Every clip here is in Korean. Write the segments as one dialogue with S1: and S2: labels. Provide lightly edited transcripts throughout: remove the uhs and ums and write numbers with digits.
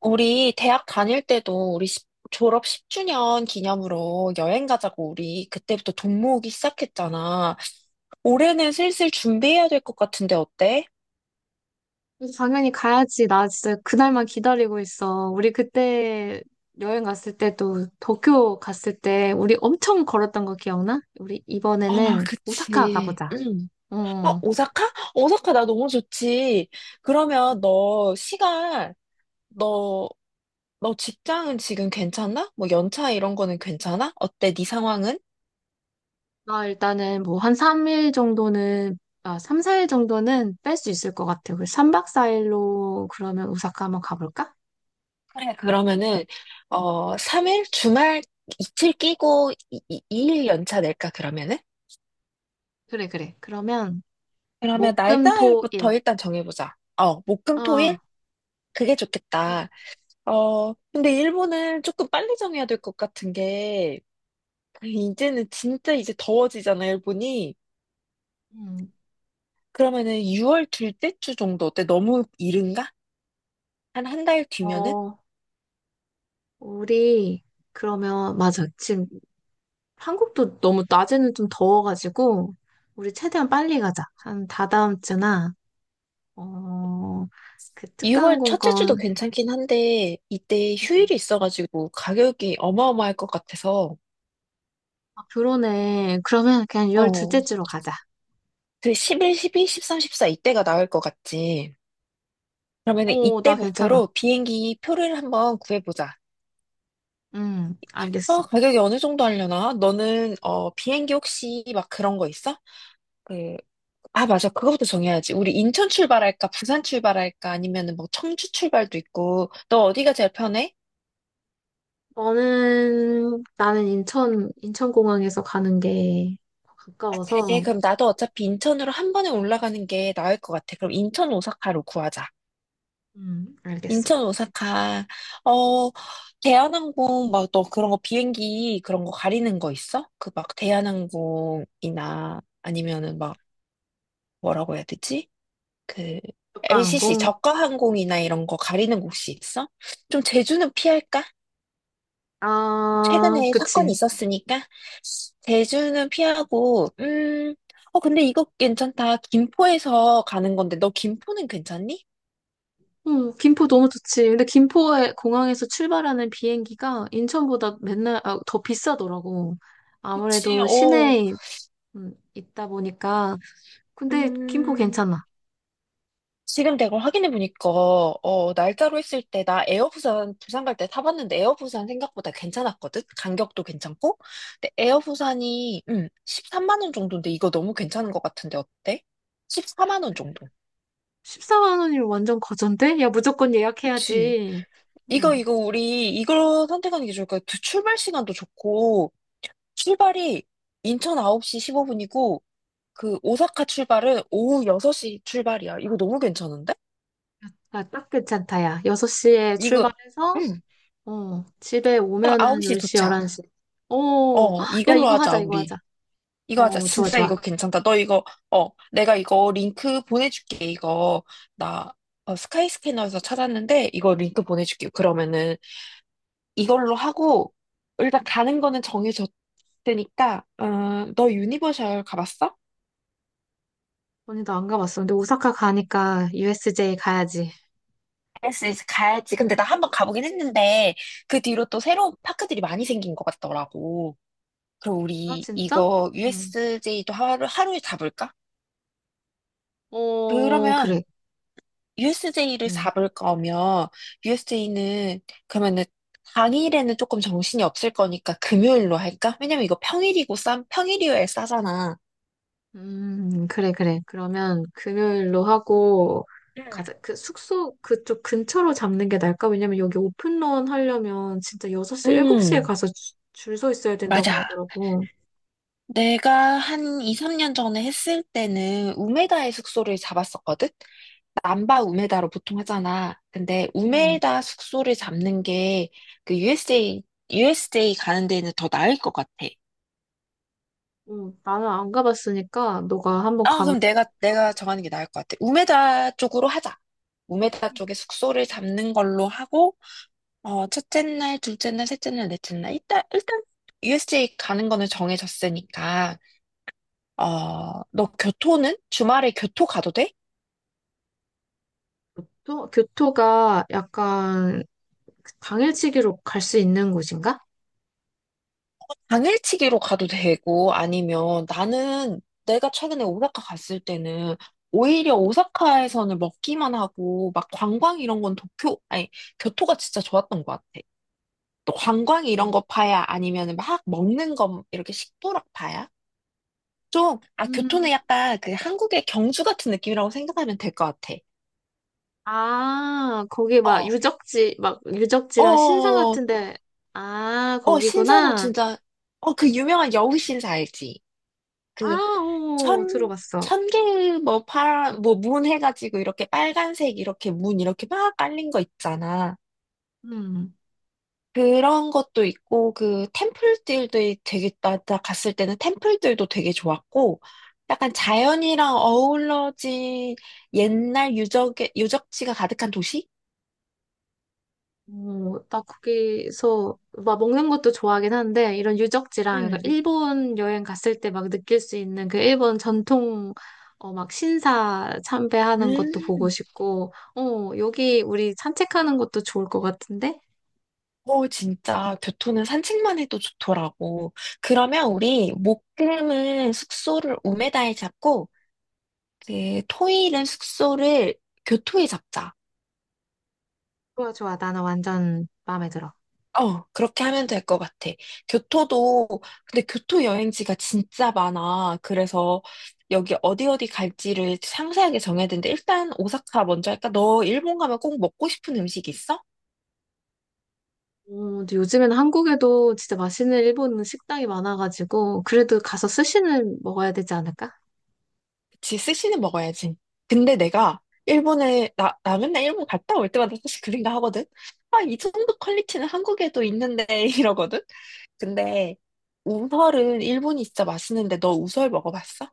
S1: 우리 대학 다닐 때도 우리 졸업 10주년 기념으로 여행 가자고 우리 그때부터 돈 모으기 시작했잖아. 올해는 슬슬 준비해야 될 것 같은데 어때?
S2: 당연히 가야지. 나 진짜 그날만 기다리고 있어. 우리 그때 여행 갔을 때 또 도쿄 갔을 때 우리 엄청 걸었던 거 기억나? 우리
S1: 아,
S2: 이번에는 오사카
S1: 그치.
S2: 가보자.
S1: 응.
S2: 어.
S1: 오사카? 오사카 나 너무 좋지. 그러면 너, 너 직장은 지금 괜찮나? 뭐 연차 이런 거는 괜찮아? 어때? 네 상황은?
S2: 나 일단은 뭐 한 3일 정도는, 아, 3, 4일 정도는 뺄 수 있을 것 같아. 우리 3박 4일로 그러면 오사카 한번 가볼까?
S1: 그래, 그러면은. 3일? 주말 이틀 끼고 2일 연차 낼까, 그러면은?
S2: 그래, 그래. 그러면
S1: 그러면
S2: 목, 금, 토, 일.
S1: 날짜부터 일단 정해보자.
S2: 어.
S1: 목금토일? 그게 좋겠다. 근데 일본은 조금 빨리 정해야 될 것 같은 게, 이제는 진짜 이제 더워지잖아, 일본이.
S2: 음.
S1: 그러면은 6월 둘째 주 정도 어때? 너무 이른가? 한 한 달 뒤면은?
S2: 어. 우리 그러면 맞아. 지금 한국도 너무 낮에는 좀 더워가지고 우리 최대한 빨리 가자. 한 다다음 주나 어, 그특
S1: 6월
S2: 항공
S1: 첫째 주도
S2: 권
S1: 괜찮긴 한데, 이때
S2: 음.
S1: 휴일이 있어가지고 가격이 어마어마할 것 같아서.
S2: 아, 그러네. 그러면 그냥 6월 둘째
S1: 어,
S2: 주로 가자.
S1: 그 11, 12, 13, 14 이때가 나을 것 같지. 그러면
S2: 어,
S1: 이때
S2: 나 괜찮아.
S1: 목표로 비행기 표를 한번 구해보자.
S2: 알겠어.
S1: 가격이 어느 정도 하려나? 너는, 비행기 혹시 막 그런 거 있어? 그, 아, 맞아. 그거부터 정해야지. 우리 인천 출발할까? 부산 출발할까? 아니면은 뭐 청주 출발도 있고. 너 어디가 제일 편해?
S2: 너는 나는 인천 인천공항에서 가는 게
S1: 아, 그래.
S2: 가까워서
S1: 그럼 나도 어차피 인천으로 한 번에 올라가는 게 나을 것 같아. 그럼 인천 오사카로 구하자.
S2: 알겠어.
S1: 인천 오사카. 어 대한항공 막 너 그런 거 비행기 그런 거 가리는 거 있어? 그 막 대한항공이나 아니면은 막 뭐라고 해야 되지? 그
S2: 특가항공
S1: LCC 저가 항공이나 이런 거 가리는 거 혹시 있어? 좀 제주는 피할까?
S2: 아,
S1: 최근에 사건이
S2: 그치.
S1: 있었으니까 제주는 피하고, 근데 이거 괜찮다. 김포에서 가는 건데 너 김포는 괜찮니?
S2: 응, 김포 너무 좋지. 근데 김포의 공항에서 출발하는 비행기가 인천보다 맨날 더 비싸더라고.
S1: 그치.
S2: 아무래도
S1: 어
S2: 시내에 있다 보니까. 근데 김포
S1: 음
S2: 괜찮아.
S1: 지금 내가 확인해 보니까, 날짜로 했을 때 나 에어 부산 부산 갈 때 타봤는데 에어 부산 생각보다 괜찮았거든. 간격도 괜찮고. 근데 에어 부산이 13만 원 정도인데 이거 너무 괜찮은 것 같은데 어때? 14만 원 정도.
S2: 14만 원이면 완전 거전데? 야, 무조건
S1: 그치?
S2: 예약해야지.
S1: 이거
S2: 응,
S1: 이거 우리 이걸 선택하는 게 좋을 거야. 출발 시간도 좋고 출발이 인천 9시 15분이고 그 오사카 출발은 오후 6시 출발이야. 이거 너무 괜찮은데?
S2: 아, 딱 괜찮다, 야. 6시에
S1: 이거
S2: 출발해서,
S1: 음,
S2: 어, 집에
S1: 딱
S2: 오면은
S1: 9시
S2: 10시,
S1: 도착.
S2: 11시. 어, 야,
S1: 이걸로
S2: 이거
S1: 하자,
S2: 하자, 이거 하자.
S1: 우리. 이거 하자.
S2: 어, 좋아,
S1: 진짜
S2: 좋아.
S1: 이거 괜찮다. 너 이거. 내가 이거 링크 보내줄게. 나, 스카이 스캐너에서 찾았는데, 이거 링크 보내줄게. 그러면은, 이걸로 하고, 일단 가는 거는 정해졌으니까. 너 유니버셜 가봤어?
S2: 언니도 안 가봤어. 근데 오사카 가니까 USJ 가야지.
S1: 알았어, 가야지. 근데 나 한번 가보긴 했는데, 그 뒤로 또 새로운 파크들이 많이 생긴 것 같더라고. 그럼
S2: 아,
S1: 우리
S2: 진짜?
S1: 이거
S2: 응,
S1: USJ도 하루에 잡을까?
S2: 어,
S1: 그러면,
S2: 그래.
S1: USJ를
S2: 응.
S1: 잡을 거면 USJ는 그러면은 당일에는 조금 정신이 없을 거니까 금요일로 할까? 왜냐면 이거 평일이고 평일이어야 싸잖아.
S2: 그래, 그래. 그러면 금요일로 하고,
S1: 응.
S2: 가자. 그 숙소 그쪽 근처로 잡는 게 나을까? 왜냐면 여기 오픈런 하려면 진짜 6시, 7시에
S1: 음,
S2: 가서 줄 서 있어야 된다고
S1: 맞아.
S2: 하더라고.
S1: 내가 한 2, 3년 전에 했을 때는 우메다의 숙소를 잡았었거든? 남바 우메다로 보통 하잖아. 근데
S2: 음,
S1: 우메다 숙소를 잡는 게 그 USJ 가는 데는 더 나을 것 같아.
S2: 나는 안 가봤으니까 너가 한번
S1: 아,
S2: 가면
S1: 그럼 내가,
S2: 좋다고.
S1: 내가 정하는 게 나을 것 같아. 우메다 쪽으로 하자. 우메다 쪽에
S2: 음.
S1: 숙소를 잡는 걸로 하고. 첫째 날, 둘째 날, 셋째 날, 넷째 날. 일단, USJ 가는 거는 정해졌으니까. 너 교토는? 주말에 교토 가도 돼?
S2: 또 교토가 약간 당일치기로 갈 수 있는 곳인가?
S1: 당일치기로 가도 되고, 아니면 나는 내가 최근에 오사카 갔을 때는 오히려 오사카에서는 먹기만 하고, 막 관광 이런 건 도쿄, 아니, 교토가 진짜 좋았던 것 같아. 또 관광
S2: 음,
S1: 이런 거 파야? 아니면 막 먹는 거 이렇게 식도락 파야? 좀, 아,
S2: 음,
S1: 교토는 약간 그 한국의 경주 같은 느낌이라고 생각하면 될 것 같아.
S2: 아, 거기
S1: 어,
S2: 막
S1: 어,
S2: 유적지랑 신상
S1: 어, 어,
S2: 같은데, 아,
S1: 신사도
S2: 거기구나.
S1: 진짜. 그 유명한 여우 신사 알지? 그
S2: 아, 오,
S1: 천,
S2: 들어봤어.
S1: 천개 뭐 파란, 뭐 문 해가지고 이렇게 빨간색 이렇게 문 이렇게 막 깔린 거 있잖아.
S2: 음,
S1: 그런 것도 있고, 그 템플들도 나 갔을 때는 템플들도 되게 좋았고, 약간 자연이랑 어우러진 옛날 유적지가 가득한 도시?
S2: 오, 나 거기서 막 먹는 것도 좋아하긴 한데, 이런 유적지랑 약간
S1: 음.
S2: 일본 여행 갔을 때 막 느낄 수 있는 그 일본 전통, 막 신사 참배하는 것도 보고
S1: 음.
S2: 싶고, 여기 우리 산책하는 것도 좋을 것 같은데?
S1: 오, 진짜 교토는 산책만 해도 좋더라고. 그러면 우리 목금은 숙소를 우메다에 잡고, 그 토일은 숙소를 교토에 잡자.
S2: 좋아, 좋아. 나는 완전 마음에 들어.
S1: 그렇게 하면 될 것 같아. 교토도, 근데 교토 여행지가 진짜 많아. 그래서 여기 어디 어디 갈지를 상세하게 정해야 되는데, 일단 오사카 먼저 할까? 너 일본 가면 꼭 먹고 싶은 음식 있어?
S2: 어, 근데 요즘에는 한국에도 진짜 맛있는 일본 식당이 많아가지고, 그래도 가서 스시는 먹어야 되지 않을까?
S1: 그치, 스시는 먹어야지. 근데 내가 나 맨날 일본 갔다 올 때마다 사실 그 생각 하거든? 아, 이 정도 퀄리티는 한국에도 있는데, 이러거든? 근데 우설은 일본이 진짜 맛있는데, 너 우설 먹어봤어?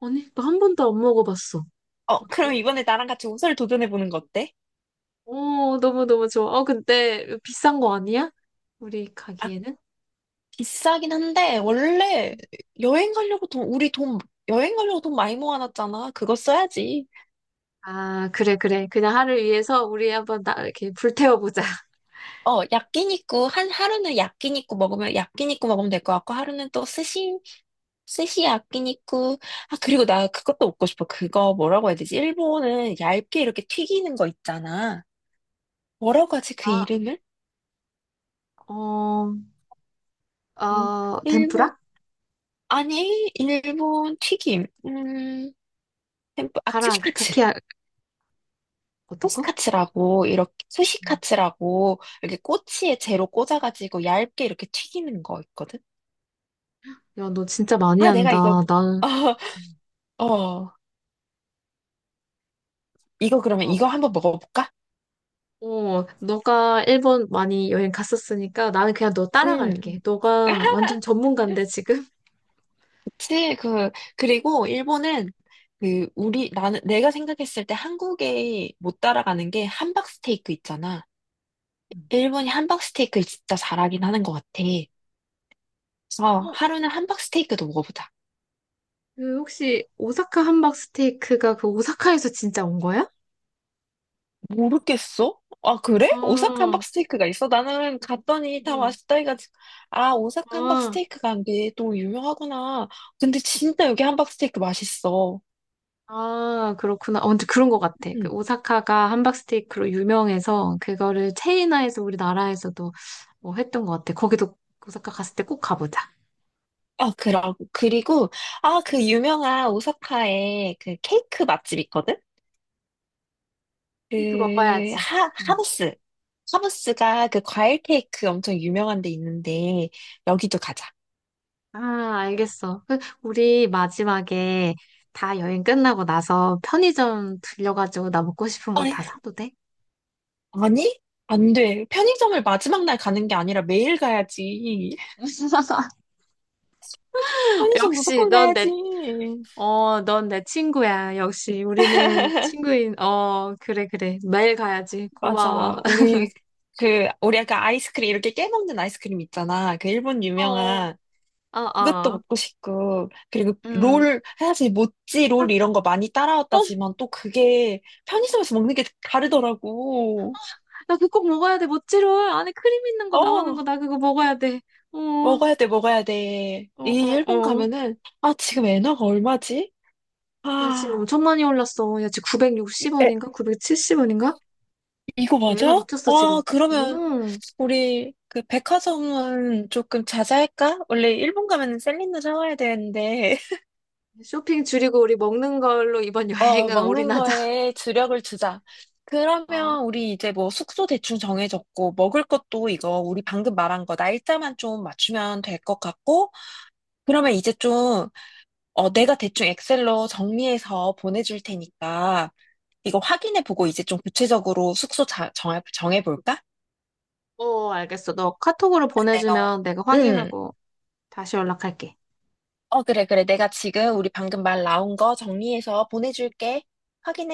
S2: 아니, 나 한 번도 안 먹어봤어.
S1: 그럼
S2: 어때?
S1: 이번에 나랑 같이 우설 도전해보는 거 어때?
S2: 어, 너무너무 좋아. 어, 근데 비싼 거 아니야? 우리 가기에는?
S1: 비싸긴 한데 원래 여행 가려고 돈 우리 돈 여행 가려고 돈 많이 모아놨잖아. 그거 써야지.
S2: 아, 그래, 그래. 그냥 하루 위해서 우리 한번 이렇게 불태워보자.
S1: 야끼니쿠 한 하루는 야끼니쿠 먹으면 될 것 같고 하루는 또 스시 야끼니쿠. 아 그리고 나 그것도 먹고 싶어. 그거 뭐라고 해야 되지? 일본은 얇게 이렇게 튀기는 거 있잖아. 뭐라고 하지 그
S2: 아,
S1: 이름을?
S2: 어,
S1: 음, 일본
S2: 덴푸라?
S1: 아니 일본 튀김.
S2: 가라아기,
S1: 아츠시카츠.
S2: 카키야, 어떤 거?
S1: 소스카츠라고 이렇게
S2: 음.
S1: 수시카츠라고 이렇게 꼬치에 재로 꽂아가지고 얇게 이렇게 튀기는 거 있거든.
S2: 야, 너 진짜 많이
S1: 아, 내가
S2: 한다.
S1: 이거
S2: 나는,
S1: 어, 어, 이거 그러면 이거 한번 먹어볼까?
S2: 어, 너가 일본 많이 여행 갔었으니까 나는 그냥 너
S1: 음.
S2: 따라갈게. 너가 완전 전문가인데 지금?
S1: 그치, 그리고 일본은 내가 생각했을 때 한국에 못 따라가는 게 함박스테이크 있잖아.
S2: 음.
S1: 일본이 함박스테이크 진짜 잘하긴 하는 것 같아. 그래서
S2: 어,
S1: 하루는 함박스테이크도 먹어보자.
S2: 그 혹시 오사카 함박 스테이크가 그 오사카에서 진짜 온 거야?
S1: 모르겠어? 아, 그래? 오사카
S2: 아,
S1: 함박 스테이크가 있어? 나는 갔더니 다
S2: 어,
S1: 맛있다 해가지고, 아, 오사카 함박
S2: 아,
S1: 스테이크가 이게 또 유명하구나. 근데 진짜 여기 함박 스테이크 맛있어.
S2: 아, 그렇구나. 어, 근데 그런 것 같아. 그
S1: 음.
S2: 오사카가 함박 스테이크로 유명해서 그거를 체인화해서 우리나라에서도 뭐 했던 것 같아. 거기도 오사카 갔을 때 꼭 가보자.
S1: 아, 그리고, 아, 그 유명한 오사카에 그 케이크 맛집 있거든?
S2: 스테이크 먹어야지. 응.
S1: 하부스. 하부스가 그 과일 케이크 엄청 유명한 데 있는데, 여기도 가자.
S2: 아, 알겠어. 그, 우리 마지막에 다 여행 끝나고 나서 편의점 들려가지고 나 먹고 싶은 거
S1: 아니,
S2: 다 사도 돼?
S1: 아니? 안 돼. 편의점을 마지막 날 가는 게 아니라 매일 가야지. 편의점
S2: 역시
S1: 무조건
S2: 넌
S1: 가야지.
S2: 내, 어, 넌 내 친구야. 역시 우리는 친구인, 그래, 그래. 매일 가야지. 고마워.
S1: 맞아. 우리 아까 아이스크림, 이렇게 깨먹는 아이스크림 있잖아. 그 일본
S2: 어,
S1: 유명한.
S2: 아,
S1: 그것도
S2: 아.
S1: 먹고 싶고. 그리고
S2: 음.
S1: 롤, 사실 모찌 롤 이런 거 많이
S2: 어,
S1: 따라왔다지만 또 그게 편의점에서 먹는 게 다르더라고.
S2: 나 그거 꼭 먹어야 돼. 모찌롤. 안에 크림 있는 거 나오는
S1: 어,
S2: 거 나 그거 먹어야 돼. 어, 어,
S1: 먹어야 돼, 먹어야 돼.
S2: 어,
S1: 이 일본
S2: 어.
S1: 가면은, 아, 지금 엔화가 얼마지?
S2: 야, 지금
S1: 아,
S2: 엄청 많이 올랐어. 야, 지금 960원인가? 970원인가?
S1: 이거 맞아?
S2: 애나 미쳤어, 지금.
S1: 아, 그러면
S2: 음,
S1: 우리 그 백화점은 조금 자제할까? 원래 일본 가면 셀린느 사와야 되는데
S2: 쇼핑 줄이고 우리 먹는 걸로 이번 여행은
S1: 먹는
S2: 올인하자.
S1: 거에 주력을 주자.
S2: 어,
S1: 그러면 우리 이제 뭐 숙소 대충 정해졌고 먹을 것도 이거 우리 방금 말한 거 날짜만 좀 맞추면 될 것 같고 그러면 이제 좀. 내가 대충 엑셀로 정리해서 보내줄 테니까 이거 확인해 보고 이제 좀 구체적으로 숙소 정해볼까?
S2: 어, 알겠어. 너 카톡으로
S1: 내가.
S2: 보내주면 내가
S1: 응.
S2: 확인하고 다시 연락할게.
S1: 그래, 그래. 내가 지금 우리 방금 말 나온 거 정리해서 보내줄게. 확인해.